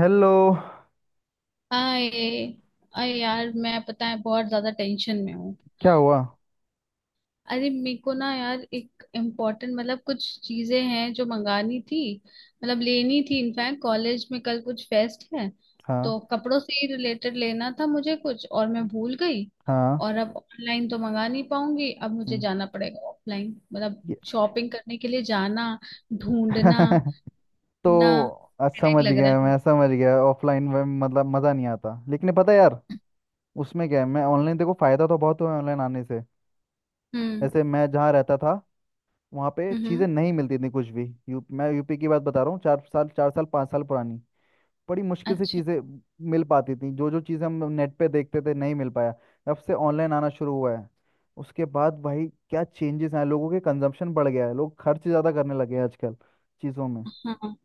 Hello. आए। यार मैं पता है बहुत ज्यादा टेंशन में हूँ। क्या हुआ? अरे मेरे को ना यार एक इम्पोर्टेंट मतलब कुछ चीजें हैं जो मंगानी थी, मतलब लेनी थी। इनफैक्ट कॉलेज में कल कुछ फेस्ट है, हाँ। तो कपड़ों से ही रिलेटेड लेना था मुझे कुछ और मैं भूल गई। हाँ। और अब ऑनलाइन तो मंगा नहीं पाऊंगी, अब मुझे हम्म, जाना पड़ेगा ऑफलाइन, मतलब ये शॉपिंग करने के लिए जाना, ढूंढना तो ना। हेडेक समझ लग रहा गया, है। मैं समझ गया ऑफलाइन में मतलब मज़ा नहीं आता, लेकिन पता है यार, उसमें क्या है। मैं ऑनलाइन, देखो, फ़ायदा तो बहुत हुआ है ऑनलाइन आने से। हम्म। जैसे मैं जहाँ रहता था वहाँ पे हम्म। चीज़ें नहीं मिलती थी कुछ भी, यू मैं यूपी की बात बता रहा हूँ, 4 साल, 4 साल 5 साल पुरानी। बड़ी मुश्किल से अच्छा। चीज़ें मिल पाती थी, जो जो चीज़ें हम नेट पे देखते थे नहीं मिल पाया। जब से ऑनलाइन आना शुरू हुआ है, उसके बाद भाई क्या चेंजेस आए, लोगों के कंजम्पशन बढ़ गया है, लोग खर्च ज़्यादा करने लगे हैं आजकल चीज़ों में। हाँ,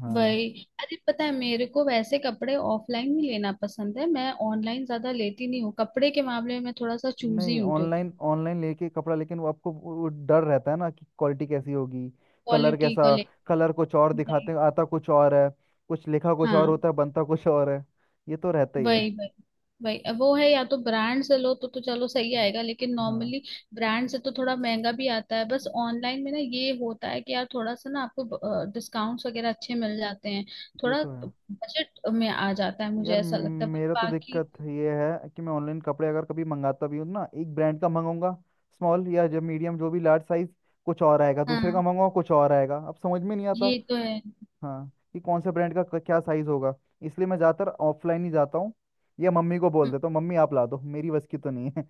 हाँ। वही। अरे पता है मेरे को वैसे कपड़े ऑफलाइन नहीं लेना पसंद है, मैं ऑनलाइन ज्यादा लेती नहीं हूँ कपड़े के मामले में। मैं थोड़ा सा चूजी नहीं, हूँ क्योंकि ऑनलाइन ऑनलाइन लेके कपड़ा, लेकिन वो आपको वो डर रहता है ना कि क्वालिटी कैसी होगी, कलर क्वालिटी को कैसा। ले। कलर कुछ और दिखाते वही। हैं, आता कुछ और है। कुछ लिखा कुछ और हाँ। होता है, बनता कुछ और है। ये तो रहता ही है। वही वही। वही अब वो है, या तो ब्रांड से लो तो चलो सही हम्म, आएगा, लेकिन हाँ। नॉर्मली ब्रांड से तो थोड़ा महंगा भी आता है। बस ऑनलाइन में ना ये होता है कि यार थोड़ा सा ना आपको डिस्काउंट्स वगैरह अच्छे मिल जाते हैं, ये थोड़ा तो है। बजट में आ जाता है, मुझे यार, ऐसा लगता है, बस मेरा तो बाकी। दिक्कत ये है कि मैं ऑनलाइन कपड़े अगर कभी मंगाता भी हूँ तो ना, एक ब्रांड का मंगाऊंगा, स्मॉल या जब मीडियम जो भी लार्ज साइज, कुछ और आएगा, दूसरे का हाँ, मंगाऊंगा कुछ और आएगा, अब समझ में नहीं आता। ये तो है। हाँ, कि कौन से ब्रांड का क्या साइज होगा। इसलिए मैं ज़्यादातर ऑफलाइन ही जाता हूँ। या मम्मी को बोल देता हूँ, मम्मी आप ला दो, मेरी बस की तो नहीं है।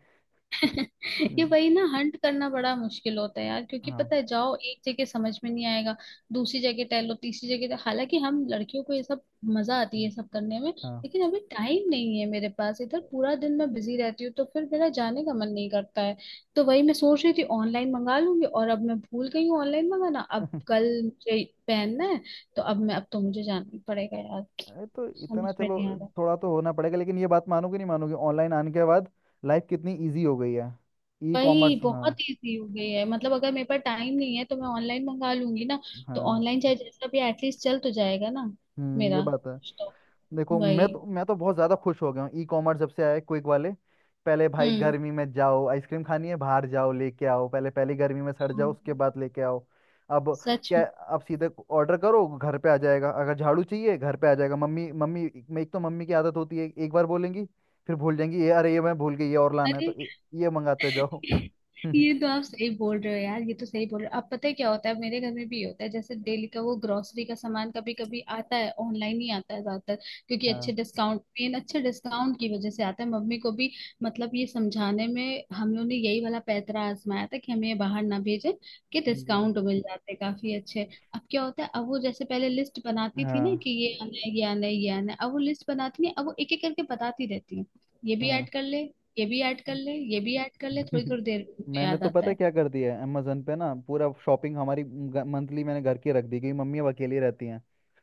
ये हम्म, वही ना, हंट करना बड़ा मुश्किल होता है यार, क्योंकि हाँ। पता है जाओ एक जगह समझ में नहीं आएगा, दूसरी जगह टहलो, तीसरी जगह टहलो। हालांकि हम लड़कियों को ये सब मजा आती है, हम्म, ये सब करने में, हाँ। लेकिन अभी टाइम नहीं है मेरे पास। इधर पूरा दिन मैं बिजी रहती हूँ, तो फिर मेरा जाने का मन नहीं करता है। तो वही मैं सोच रही थी ऑनलाइन मंगा लूंगी, और अब मैं भूल गई हूँ ऑनलाइन मंगाना, अब कल मुझे पहनना है। तो अब मैं, अब तो मुझे जाना ही पड़ेगा यार। अरे, तो इतना समझ में चलो नहीं आ रहा। थोड़ा तो होना पड़ेगा, लेकिन ये बात मानोगे नहीं मानोगे, ऑनलाइन आने के बाद लाइफ कितनी ईजी हो गई है। ई वही, कॉमर्स। बहुत हाँ। इजी हो गई है। मतलब अगर मेरे पास टाइम नहीं है तो मैं ऑनलाइन मंगा लूंगी ना, तो हाँ। ऑनलाइन चाहे जैसा भी, एटलीस्ट चल तो जाएगा ना ये मेरा बात है। कुछ तो। देखो, वही। मैं तो बहुत ज़्यादा खुश हो गया हूँ, ई कॉमर्स जब से आया, क्विक वाले। पहले भाई हम्म। गर्मी में जाओ, आइसक्रीम खानी है बाहर जाओ लेके आओ, पहले पहली गर्मी में सड़ जाओ उसके हाँ। बाद लेके आओ। अब सच क्या, में। अब सीधे ऑर्डर करो घर पे आ जाएगा, अगर झाड़ू चाहिए घर पे आ जाएगा। मम्मी मम्मी, मैं, एक तो मम्मी की आदत होती है एक बार बोलेंगी फिर भूल जाएंगी, ये अरे ये मैं भूल गई ये और लाना है, तो अरे ये मंगाते जाओ। ये तो आप सही बोल रहे हो यार, ये तो सही बोल रहे हो। अब पता है क्या होता है, मेरे घर में भी ये होता है। जैसे डेली का वो ग्रोसरी का सामान कभी कभी आता है, ऑनलाइन ही आता है ज्यादातर, क्योंकि हाँ। अच्छे डिस्काउंट की वजह से आता है। मम्मी को भी, मतलब ये समझाने में हम लोगों ने यही वाला पैंतरा आजमाया था कि हमें ये बाहर ना भेजे, कि जी। डिस्काउंट मिल जाते काफी अच्छे। अब क्या होता है, अब वो जैसे पहले लिस्ट बनाती थी ना हाँ। कि ये आना है, ये आना है, ये आना है। अब वो लिस्ट बनाती है, अब वो एक एक करके बताती रहती है, ये भी हाँ। ऐड कर ले, ये भी ऐड कर ले, ये भी ऐड कर ले। थोड़ी थोड़ी देर में उनको मैंने याद तो आता पता है है। क्या कर दिया है, अमेजोन पे ना पूरा शॉपिंग हमारी मंथली मैंने घर की रख दी, क्योंकि मम्मी अब अकेली रहती हैं।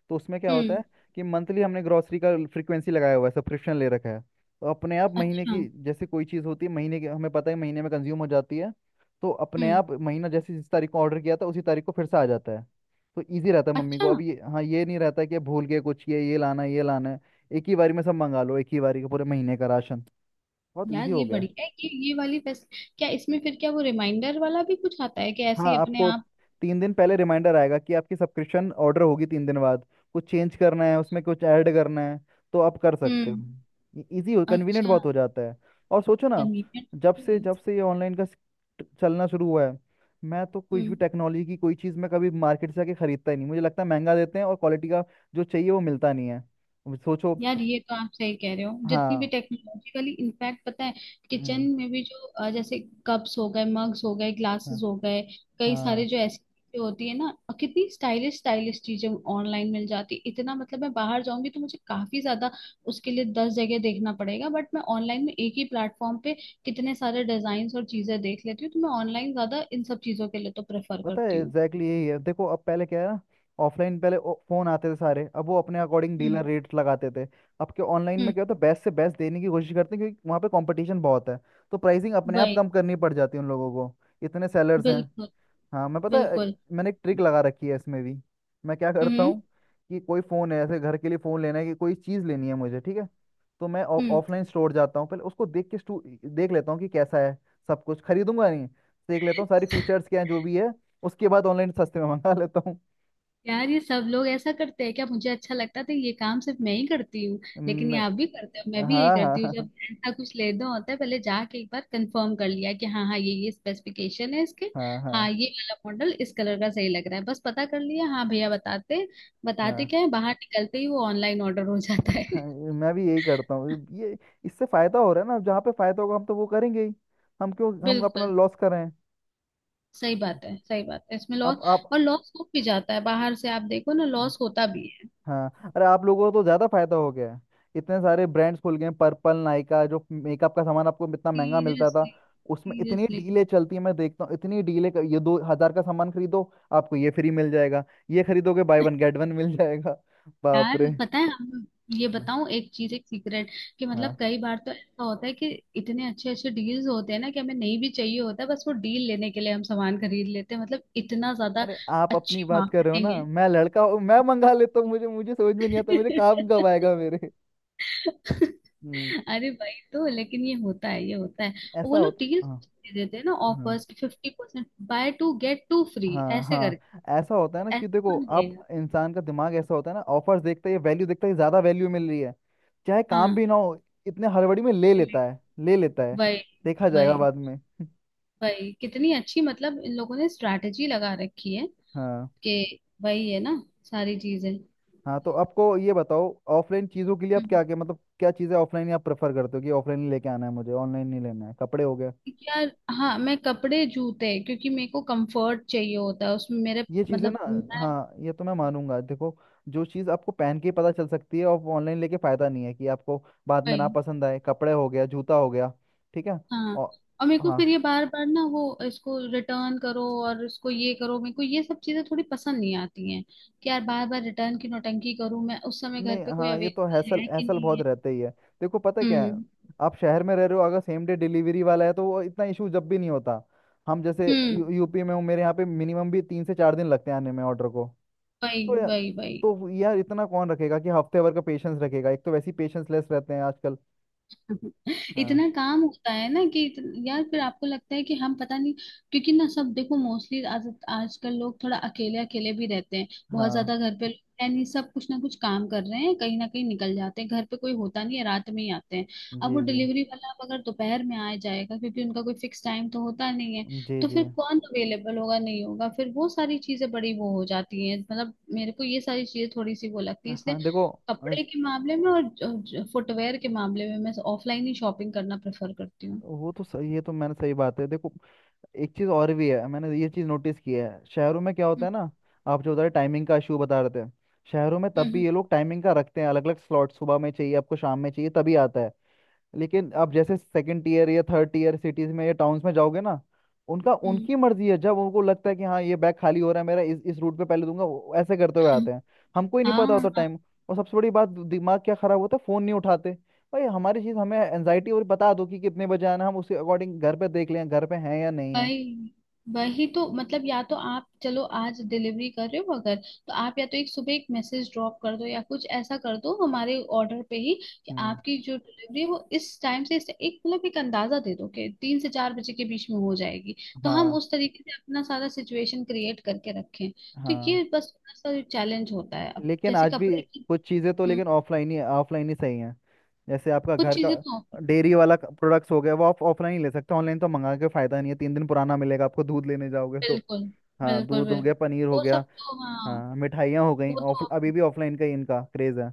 तो उसमें क्या होता हम्म। है कि मंथली हमने ग्रॉसरी का फ्रीक्वेंसी लगाया हुआ है, सब्सक्रिप्शन ले रखा है। तो अपने आप महीने अच्छा। की जैसे कोई चीज़ होती है महीने की, हमें पता है महीने में कंज्यूम हो जाती है। तो अपने हम्म। आप महीना, जैसे जिस तारीख को ऑर्डर किया था उसी तारीख को फिर से आ जाता है। तो ईजी रहता है मम्मी को, अच्छा। अब ये, हाँ, ये नहीं रहता है कि भूल के कुछ, ये लाना है, ये लाना है। एक ही बारी में सब मंगा लो, एक ही बारी का पूरे महीने का राशन। बहुत ईजी यार हो ये गया है। बढ़िया है कि ये वाली फैस, क्या इसमें फिर क्या वो रिमाइंडर वाला भी कुछ आता है कि ऐसे हाँ, ही अपने आपको आप? 3 दिन पहले रिमाइंडर आएगा कि आपकी सब्सक्रिप्शन ऑर्डर होगी 3 दिन बाद। कुछ चेंज करना है उसमें, कुछ ऐड करना है तो आप कर सकते हम्म। हो, इजी हो, कन्वीनियंट अच्छा। बहुत हो जाता है। और सोचो ना, कन्वीनियंट है। जब से ये ऑनलाइन का चलना शुरू हुआ है। मैं तो कुछ भी हम्म। टेक्नोलॉजी की कोई चीज़ मैं कभी मार्केट से आके खरीदता ही नहीं, मुझे लगता है महंगा देते हैं और क्वालिटी का जो चाहिए वो मिलता नहीं है। अब सोचो। यार ये तो आप सही कह रहे हो, जितनी भी हाँ। टेक्नोलॉजिकली, इनफैक्ट पता है किचन हम्म, में भी जो जैसे कप्स हो गए, मग्स हो गए, ग्लासेस हाँ। हो गए, कई सारे हाँ। जो ऐसी चीजें होती है ना, कितनी स्टाइलिश स्टाइलिश चीजें ऑनलाइन मिल जाती है। इतना मतलब मैं बाहर जाऊंगी तो मुझे काफी ज्यादा, उसके लिए दस जगह देखना पड़ेगा, बट मैं ऑनलाइन में एक ही प्लेटफॉर्म पे कितने सारे डिजाइन और चीजें देख लेती हूँ। तो मैं ऑनलाइन ज्यादा इन सब चीजों के लिए तो प्रेफर पता है करती हूँ। एग्जैक्टली यही है, देखो अब पहले क्या है ना, ऑफलाइन पहले फोन आते थे सारे, अब वो अपने अकॉर्डिंग डीलर हम्म। रेट लगाते थे। अब के ऑनलाइन में हम्म। क्या होता है, बेस्ट से बेस्ट देने की कोशिश करते हैं क्योंकि वहाँ पे कंपटीशन बहुत है। तो प्राइसिंग अपने आप वही। कम करनी पड़ जाती है उन लोगों को, इतने सेलर्स हैं। बिल्कुल। हाँ, मैं पता है, बिल्कुल। मैंने एक ट्रिक लगा रखी है इसमें भी। मैं क्या करता हम्म। हूँ, कि कोई फ़ोन है, ऐसे घर के लिए फ़ोन लेना है कि कोई चीज़ लेनी है मुझे, ठीक है। तो मैं हम्म। ऑफलाइन स्टोर जाता हूँ पहले उसको देख के देख लेता हूँ कि कैसा है। सब कुछ खरीदूंगा नहीं, देख लेता हूँ सारी फीचर्स क्या हैं जो भी है। उसके बाद ऑनलाइन सस्ते में मंगा लेता हूँ। यार ये सब लोग ऐसा करते हैं क्या? मुझे अच्छा लगता था ये काम सिर्फ मैं ही करती हूँ, लेकिन ये मैं- आप भी करते हो, मैं भी यही हाँ। हाँ। करती हूँ। हाँ। जब ऐसा कुछ लेना होता है पहले जाके एक बार कंफर्म कर लिया कि हाँ हाँ ये स्पेसिफिकेशन है इसके, हाँ। हाँ। हाँ हाँ। ये वाला मॉडल इस कलर का सही लग रहा है। बस पता कर लिया, हाँ भैया बताते बताते हाँ, क्या है, बाहर निकलते ही वो ऑनलाइन ऑर्डर हो जाता है। हाँ, मैं भी यही करता हूँ ये, इससे फायदा हो रहा है ना, जहाँ पे फायदा होगा हम तो वो करेंगे ही, हम क्यों हम अपना बिल्कुल। लॉस कर रहे हैं। सही बात है, सही बात है। इसमें अब लॉस, आप। और लॉस हो भी जाता है बाहर से, आप देखो ना, लॉस होता भी है। हाँ। अरे, आप लोगों को तो ज़्यादा फायदा हो गया है, इतने सारे ब्रांड्स खुल गए हैं, पर्पल, नायका, जो मेकअप का सामान आपको इतना महंगा मिलता था सीरियसली। उसमें इतनी सीरियसली। डीलें चलती है। मैं देखता हूँ इतनी डीलें, ये 2 हजार का सामान खरीदो आपको ये फ्री मिल जाएगा, ये खरीदोगे बाय वन गेट वन मिल जाएगा। बाप यार रे। पता है हम, ये हाँ। बताऊं एक चीज, एक सीक्रेट, कि हाँ। मतलब कई बार तो ऐसा होता है कि इतने अच्छे अच्छे डील्स होते हैं ना कि हमें नहीं भी चाहिए होता है, बस वो डील लेने के लिए हम सामान खरीद लेते हैं, मतलब इतना ज्यादा अरे, आप अपनी अच्छी बात कर रहे हो ना, मार्केटिंग है। मैं लड़का हूँ मैं मंगा लेता हूँ, मुझे मुझे समझ में नहीं आता, मुझे काम कब आएगा मेरे। हम्म। अरे भाई, तो लेकिन ये होता है, ये होता है। और वो ऐसा लोग होता। डील्स दे देते हैं ना हाँ। ऑफर्स की, fifty percent, buy two get two free, हाँ। ऐसे करके हाँ, ऐसा होता है तो ना, कि ऐसे देखो कौन आप लेगा? इंसान का दिमाग ऐसा होता है ना, ऑफर्स देखता है या वैल्यू देखता है, ज्यादा वैल्यू मिल रही है चाहे काम भी हाँ। ना हो, इतने हड़बड़ी में ले वही लेता है, ले लेता है। देखा जाएगा वही। बाद में। भाई कितनी अच्छी, मतलब इन लोगों ने स्ट्रैटेजी लगा रखी है, हाँ, कि वही है ना सारी चीजें। हाँ, तो आपको ये बताओ, ऑफलाइन चीजों के लिए आप हम्म। क्या क्या, मतलब क्या चीजें ऑफलाइन आप प्रेफर करते हो कि ऑफलाइन ही लेके आना है, मुझे ऑनलाइन नहीं लेना है, कपड़े हो गए, यार, हाँ मैं कपड़े जूते, क्योंकि मेरे को कंफर्ट चाहिए होता है उसमें। मेरे ये चीजें मतलब ना। मैं, हाँ, ये तो मैं मानूंगा। देखो, जो चीज आपको पहन के ही पता चल सकती है, और ऑनलाइन लेके फायदा नहीं है कि आपको बाद में ना भाई, पसंद आए, कपड़े हो गया जूता हो गया, ठीक है। हाँ। और, और मेरे को हाँ, फिर ये बार बार ना वो, इसको रिटर्न करो और इसको ये करो, मेरे को ये सब चीजें थोड़ी पसंद नहीं आती हैं, कि यार बार बार रिटर्न की नौटंकी करूं, मैं उस समय घर नहीं, पे कोई हाँ, ये तो अवेलेबल हैसल है कि हैसल नहीं बहुत है। रहते ही है। देखो पता क्या है, हम्म। आप शहर में रह रहे हो अगर सेम डे डिलीवरी वाला है तो वो इतना इशू जब भी नहीं होता। हम जैसे हम्म। यूपी में हूँ, मेरे यहाँ पे मिनिमम भी 3 से 4 दिन लगते हैं आने में ऑर्डर को। भाई तो यार भाई भाई। तो यार इतना कौन रखेगा कि हफ्ते भर का पेशेंस रखेगा, एक तो वैसे ही पेशेंस लेस रहते हैं आजकल। हाँ। इतना काम होता है ना कि इत- यार फिर आपको लगता है कि हम पता नहीं। क्योंकि ना सब देखो, मोस्टली आज आजकल लोग थोड़ा अकेले अकेले भी रहते हैं, बहुत हाँ ज्यादा घर पे लोग हैं नहीं, सब कुछ ना कुछ काम कर रहे हैं, कहीं ना कहीं निकल जाते हैं, घर पे कोई होता नहीं है, रात में ही आते हैं। अब जी। वो जी। डिलीवरी वाला अब अगर दोपहर में आ जाएगा, क्योंकि उनका कोई फिक्स टाइम तो होता नहीं है, जी। तो जी। फिर कौन अवेलेबल होगा, नहीं होगा, फिर वो सारी चीजें बड़ी वो हो जाती हैं। मतलब मेरे को ये सारी चीजें थोड़ी सी वो लगती है, इसलिए हाँ, देखो, कपड़े अस- के मामले में और फुटवेयर के मामले में मैं ऑफलाइन ही शॉपिंग करना प्रेफर करती हूँ। वो तो सही, ये तो मैंने, सही बात है देखो। एक चीज़ और भी है, मैंने ये चीज़ नोटिस की है शहरों में क्या होता हम्म। है ना। आप जो बता रहे, टाइमिंग का इशू बता रहे थे, शहरों में तब हम्म। भी ये लोग टाइमिंग का रखते हैं, अलग अलग स्लॉट, सुबह में चाहिए आपको शाम में चाहिए तभी आता है। लेकिन अब जैसे सेकंड ईयर या थर्ड ईयर सिटीज में या टाउन्स में जाओगे ना, उनका, हम्म। उनकी मर्जी है, जब उनको लगता है कि हाँ ये बैग खाली हो रहा है मेरा इस रूट पे पहले दूंगा, वो ऐसे करते हुए हम्म। आते हैं। हमको ही नहीं पता होता हाँ। टाइम। और सबसे बड़ी बात, दिमाग क्या खराब होता है, फोन नहीं उठाते। भाई, हमारी चीज हमें एनजाइटी, और बता दो कि कितने बजे आना है, हम उसके अकॉर्डिंग घर पे देख लें घर पे हैं या नहीं है। वही। वही तो मतलब, या तो आप चलो आज डिलीवरी कर रहे हो, अगर तो आप या तो एक सुबह एक मैसेज ड्रॉप कर दो या कुछ ऐसा कर दो हमारे ऑर्डर पे ही, कि हम्म। आपकी जो डिलीवरी है वो इस टाइम से इस, एक मतलब एक अंदाजा दे दो कि तीन से चार बजे के बीच में हो जाएगी, तो हम हाँ। उस तरीके से अपना सारा सिचुएशन क्रिएट करके रखें। तो हाँ। ये बस थोड़ा सा चैलेंज होता है। अब लेकिन जैसे आज भी कपड़े की, कुछ चीज़ें तो, हम्म, लेकिन ऑफलाइन ही सही हैं। जैसे आपका कुछ घर का चीजें तो। डेयरी वाला प्रोडक्ट्स हो गया, वो आप ऑफलाइन ही ले सकते हो, ऑनलाइन तो मंगा के फायदा नहीं है, 3 दिन पुराना मिलेगा आपको दूध लेने जाओगे तो। बिल्कुल। हाँ, बिल्कुल दूध हो गया बिल्कुल। पनीर हो वो सब गया। तो हाँ। हाँ मिठाइयाँ हो गई, वो ऑफ तो अभी भी ऑफलाइन का ही इनका क्रेज है।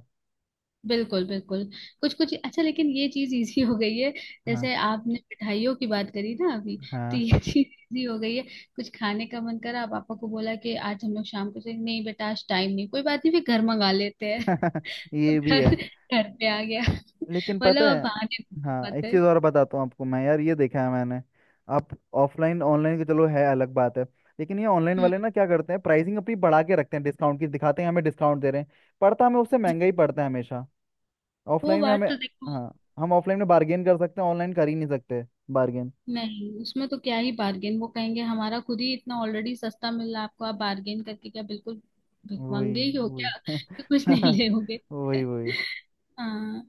बिल्कुल बिल्कुल। कुछ कुछ अच्छा, लेकिन ये चीज इजी हो गई है। जैसे हाँ। आपने मिठाइयों की बात करी ना अभी, तो हाँ। ये चीज इजी हो गई है। कुछ खाने का मन करा, पापा को बोला कि आज हम लोग शाम को, से नहीं बेटा आज टाइम नहीं, कोई बात नहीं फिर घर मंगा लेते हैं। ये भी घर है। घर पे आ गया, लेकिन पता मतलब है, अब बहाने नहीं हाँ, बन एक पाते। चीज़ और बताता हूँ आपको मैं, यार ये देखा है मैंने। आप ऑफलाइन ऑनलाइन के, चलो, है अलग बात है। लेकिन ये ऑनलाइन हम्म। वाले ना क्या करते हैं, प्राइसिंग अपनी बढ़ा के रखते हैं, डिस्काउंट की दिखाते हैं हमें डिस्काउंट दे रहे हैं। पड़ता, हमें उससे महंगा ही पड़ता है हमेशा, वो ऑफलाइन में बात हमें। तो देखो, हाँ, हम ऑफलाइन में बार्गेन कर सकते हैं, ऑनलाइन कर ही नहीं सकते। बार्गेन। नहीं उसमें तो क्या ही बार्गेन, वो कहेंगे हमारा खुद ही इतना ऑलरेडी सस्ता मिल रहा है आपको, आप बार्गेन करके क्या बिल्कुल वही, भिखमंगे ही हो वही। क्या? तो कुछ नहीं लेोगे। वही, वही। हाँ।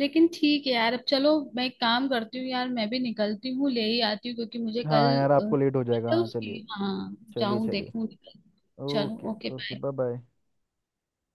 लेकिन ठीक है यार, अब चलो मैं एक काम करती हूँ यार, मैं भी निकलती हूँ, ले ही आती हूँ, क्योंकि मुझे कल, हाँ, यार अ, आपको लेट हो जाएगा, तो हाँ चलिए। उसकी, हाँ चलिए, जाऊँ चलिए। देखूँ। चलो, okay. Okay, okay, bye. Bye. Bye.